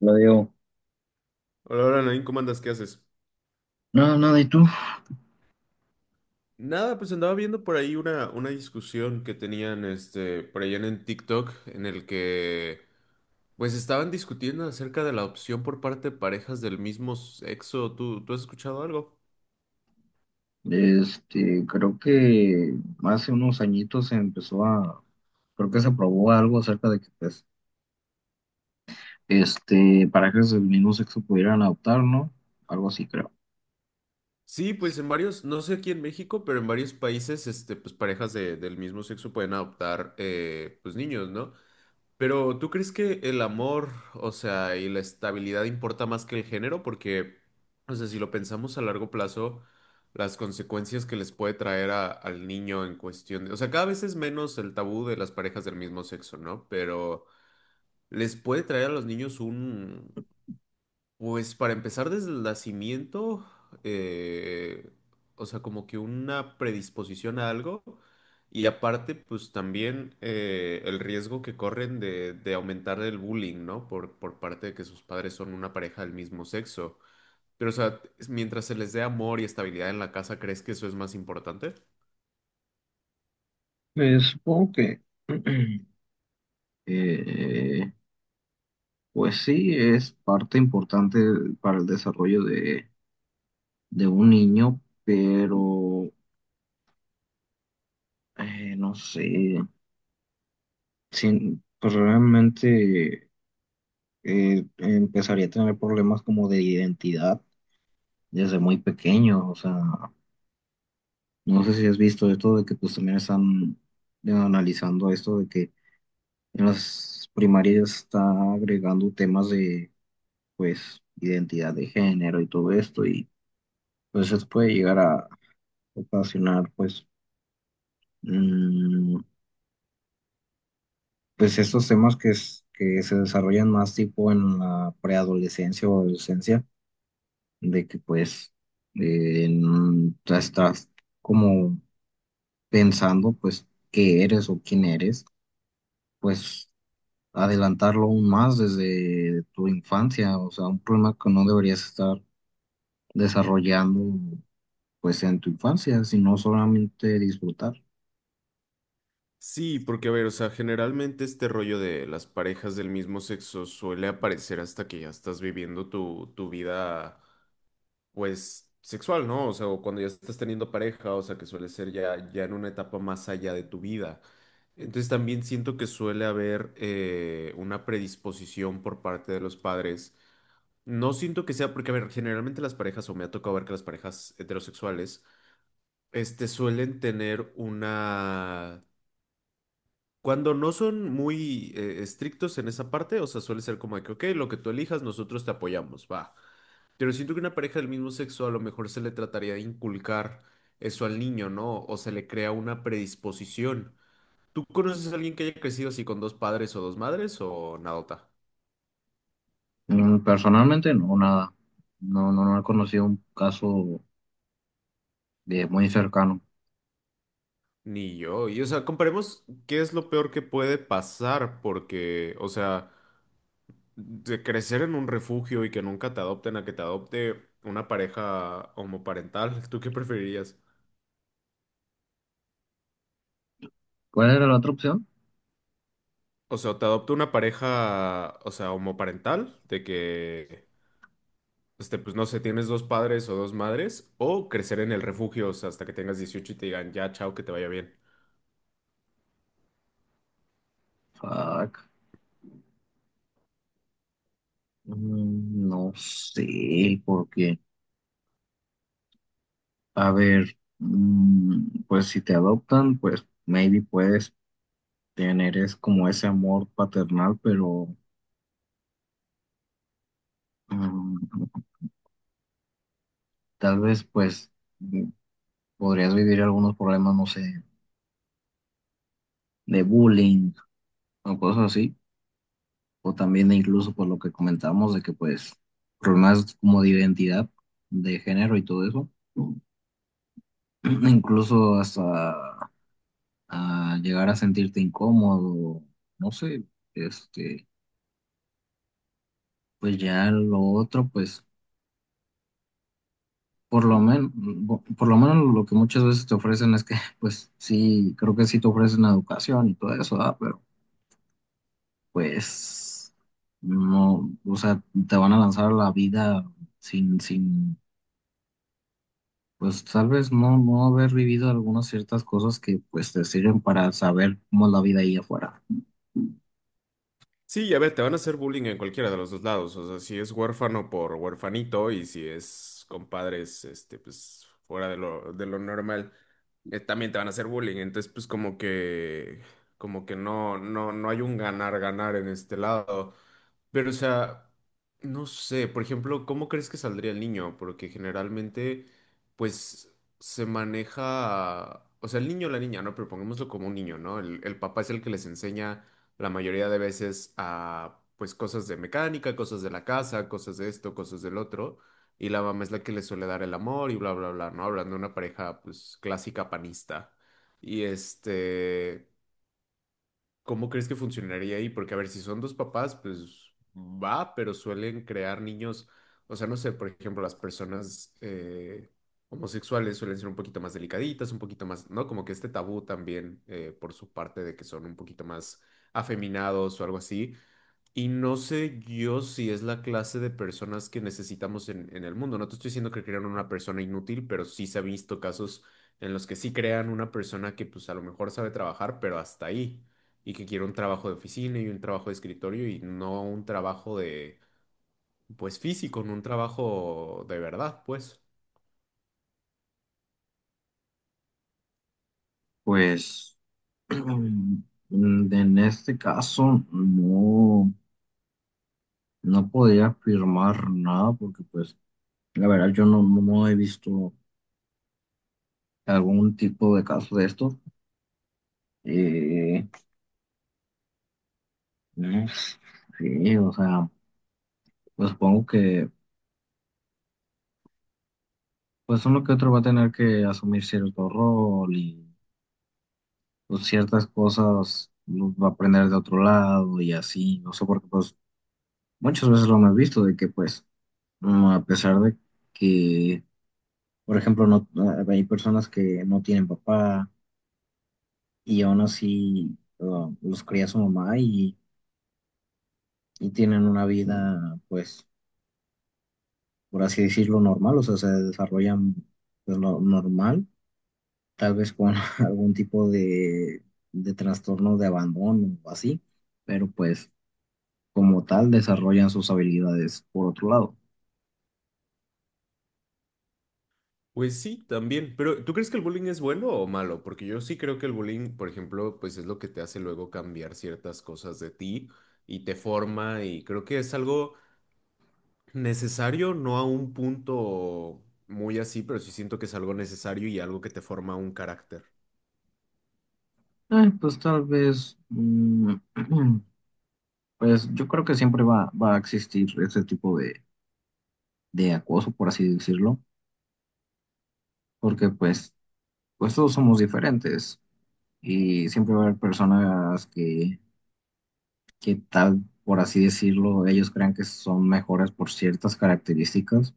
Lo digo. Hola, hola, Nain, ¿cómo andas? ¿Qué haces? No, nada, ¿y tú? Nada, pues andaba viendo por ahí una discusión que tenían por allá en el TikTok, en el que pues estaban discutiendo acerca de la opción por parte de parejas del mismo sexo. ¿Tú has escuchado algo? Creo que hace unos añitos se empezó a, creo que se aprobó algo acerca de que, pues, parejas del mismo sexo pudieran adoptar, ¿no? Algo así, creo. Sí, pues en varios, no sé aquí en México, pero en varios países, este, pues del mismo sexo pueden adoptar pues niños, ¿no? Pero ¿tú crees que el amor, o sea, y la estabilidad importa más que el género? Porque, o sea, si lo pensamos a largo plazo, las consecuencias que les puede traer al niño en cuestión de, o sea, cada vez es menos el tabú de las parejas del mismo sexo, ¿no? Pero les puede traer a los niños un, pues para empezar desde el nacimiento, eh, o sea, como que una predisposición a algo y aparte, pues también el riesgo que corren de aumentar el bullying, ¿no? Por parte de que sus padres son una pareja del mismo sexo. Pero, o sea, mientras se les dé amor y estabilidad en la casa, ¿crees que eso es más importante? Supongo que, eh, pues sí, es parte importante para el desarrollo de un niño, pero, no sé, sin, pues realmente... empezaría a tener problemas como de identidad desde muy pequeño. O sea, no sé si has visto esto de que pues también están analizando esto de que en las primarias está agregando temas de pues identidad de género y todo esto y pues eso puede llegar a ocasionar mm, pues estos temas que, que se desarrollan más tipo en la preadolescencia o adolescencia de que pues ya estás como pensando pues qué eres o quién eres, pues adelantarlo aún más desde tu infancia, o sea, un problema que no deberías estar desarrollando pues en tu infancia, sino solamente disfrutar. Sí, porque a ver, o sea, generalmente este rollo de las parejas del mismo sexo suele aparecer hasta que ya estás viviendo tu vida pues, sexual, ¿no? O sea, o cuando ya estás teniendo pareja, o sea, que suele ser ya, ya en una etapa más allá de tu vida. Entonces también siento que suele haber una predisposición por parte de los padres. No siento que sea porque, a ver, generalmente las parejas, o me ha tocado ver que las parejas heterosexuales, este, suelen tener una... Cuando no son muy estrictos en esa parte, o sea, suele ser como de que, ok, lo que tú elijas, nosotros te apoyamos, va. Pero siento que una pareja del mismo sexo a lo mejor se le trataría de inculcar eso al niño, ¿no? O se le crea una predisposición. ¿Tú conoces a alguien que haya crecido así con dos padres o dos madres o nadota? Mm, personalmente no, nada, no he conocido un caso de muy cercano. Ni yo. Y o sea, comparemos qué es lo peor que puede pasar, porque, o sea, de crecer en un refugio y que nunca te adopten a que te adopte una pareja homoparental, ¿tú qué preferirías? ¿Cuál era la otra opción? O sea, te adopta una pareja, o sea, homoparental, de que pues no sé, tienes dos padres o dos madres, o crecer en el refugio, o sea, hasta que tengas 18 y te digan, ya, chao, que te vaya bien. Fuck. Mm, no sé, porque a ver, mm, pues si te adoptan, pues maybe puedes tener es como ese amor paternal, pero mm, tal vez pues mm, podrías vivir algunos problemas, no sé, de bullying o cosas así, o también incluso por lo que comentábamos de que pues problemas como de identidad, de género y todo eso, incluso hasta a llegar a sentirte incómodo, no sé, este, pues ya lo otro, pues por lo menos, por lo menos lo que muchas veces te ofrecen es que, pues sí, creo que sí te ofrecen educación y todo eso, ah. Pero pues no, o sea, te van a lanzar a la vida sin, pues tal vez no haber vivido algunas ciertas cosas que pues te sirven para saber cómo es la vida ahí afuera. Sí, ya ver, te van a hacer bullying en cualquiera de los dos lados. O sea, si es huérfano por huérfanito y si es compadres, este, pues fuera de lo normal, también te van a hacer bullying. Entonces, pues como que no, no, no hay un ganar, ganar en este lado. Pero, o sea, no sé, por ejemplo, ¿cómo crees que saldría el niño? Porque generalmente, pues, se maneja, o sea, el niño o la niña, ¿no? Pero pongámoslo como un niño, ¿no? El papá es el que les enseña la mayoría de veces a pues cosas de mecánica, cosas de la casa, cosas de esto, cosas del otro, y la mamá es la que le suele dar el amor y bla, bla, bla, ¿no? Hablando de una pareja pues clásica panista. Y este... ¿Cómo crees que funcionaría ahí? Porque, a ver, si son dos papás, pues va, pero suelen crear niños, o sea, no sé, por ejemplo, las personas homosexuales suelen ser un poquito más delicaditas, un poquito más, ¿no? Como que este tabú también por su parte de que son un poquito más afeminados o algo así. Y no sé yo si es la clase de personas que necesitamos en el mundo. No te estoy diciendo que crean una persona inútil, pero sí se ha visto casos en los que sí crean una persona que pues a lo mejor sabe trabajar, pero hasta ahí. Y que quiere un trabajo de oficina y un trabajo de escritorio y no un trabajo de, pues físico, no un trabajo de verdad, pues. Pues en este caso no, no podría afirmar nada porque pues la verdad yo no, no he visto algún tipo de caso de esto. Eh, no sé, o sea, pues supongo que pues uno que otro va a tener que asumir cierto rol y pues, ciertas cosas los va a aprender de otro lado y así, no sé, porque pues muchas veces lo hemos visto de que a pesar de que, por ejemplo, no, ah, hay personas que no tienen papá y aún así los cría su mamá y tienen una vida pues por así decirlo, normal, o sea, se desarrollan pues, normal, tal vez con algún tipo de trastorno de abandono o así, pero pues como tal desarrollan sus habilidades por otro lado. Pues sí, también. Pero, ¿tú crees que el bullying es bueno o malo? Porque yo sí creo que el bullying, por ejemplo, pues es lo que te hace luego cambiar ciertas cosas de ti y te forma y creo que es algo necesario, no a un punto muy así, pero sí siento que es algo necesario y algo que te forma un carácter. Pues tal vez, mm, pues yo creo que siempre va a existir ese tipo de acoso, por así decirlo, porque pues, pues todos somos diferentes y siempre va a haber personas que tal, por así decirlo, ellos crean que son mejores por ciertas características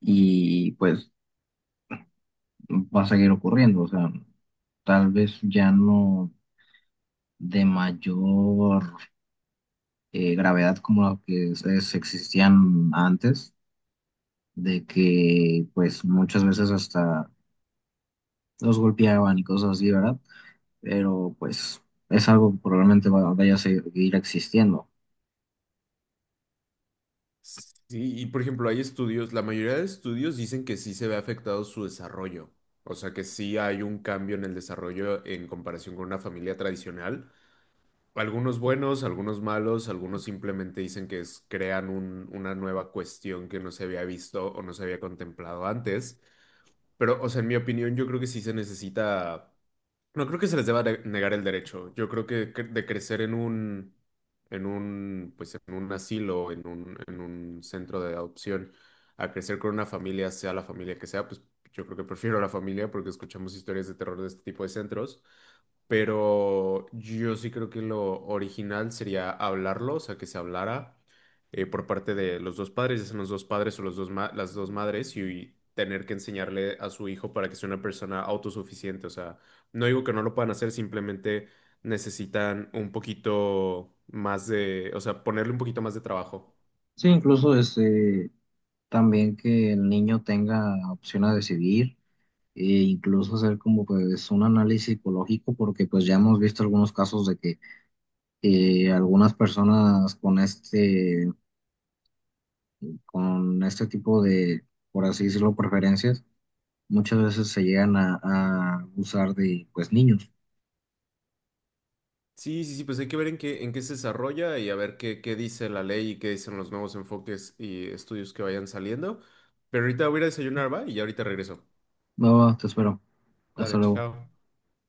y pues va a seguir ocurriendo, o sea, tal vez ya no de mayor gravedad como la que existían antes, de que pues muchas veces hasta los golpeaban y cosas así, ¿verdad? Pero pues es algo que probablemente vaya a seguir existiendo. Sí, y por ejemplo, hay estudios, la mayoría de estudios dicen que sí se ve afectado su desarrollo. O sea que sí hay un cambio en el desarrollo en comparación con una familia tradicional. Algunos buenos, algunos malos, algunos simplemente dicen que crean una nueva cuestión que no se había visto o no se había contemplado antes. Pero, o sea, en mi opinión, yo creo que sí se necesita. No creo que se les negar el derecho. Yo creo que de crecer en un, pues en un asilo, en un centro de adopción, a crecer con una familia, sea la familia que sea, pues yo creo que prefiero la familia porque escuchamos historias de terror de este tipo de centros. Pero yo sí creo que lo original sería hablarlo, o sea, que se hablara por parte de los dos padres, ya sean los dos padres o los dos las dos madres, y, tener que enseñarle a su hijo para que sea una persona autosuficiente, o sea no digo que no lo puedan hacer, simplemente necesitan un poquito más de, o sea, ponerle un poquito más de trabajo. Sí, incluso también que el niño tenga opción a decidir e incluso hacer como pues un análisis psicológico porque pues ya hemos visto algunos casos de que algunas personas con este tipo de por así decirlo preferencias muchas veces se llegan a abusar de pues niños. Sí, sí, sí, pues hay que ver en qué se desarrolla y a ver qué, qué dice la ley y qué dicen los nuevos enfoques y estudios que vayan saliendo. Pero ahorita voy a ir a desayunar, va, y ya ahorita regreso. No, te espero. Dale, Hasta luego. chao.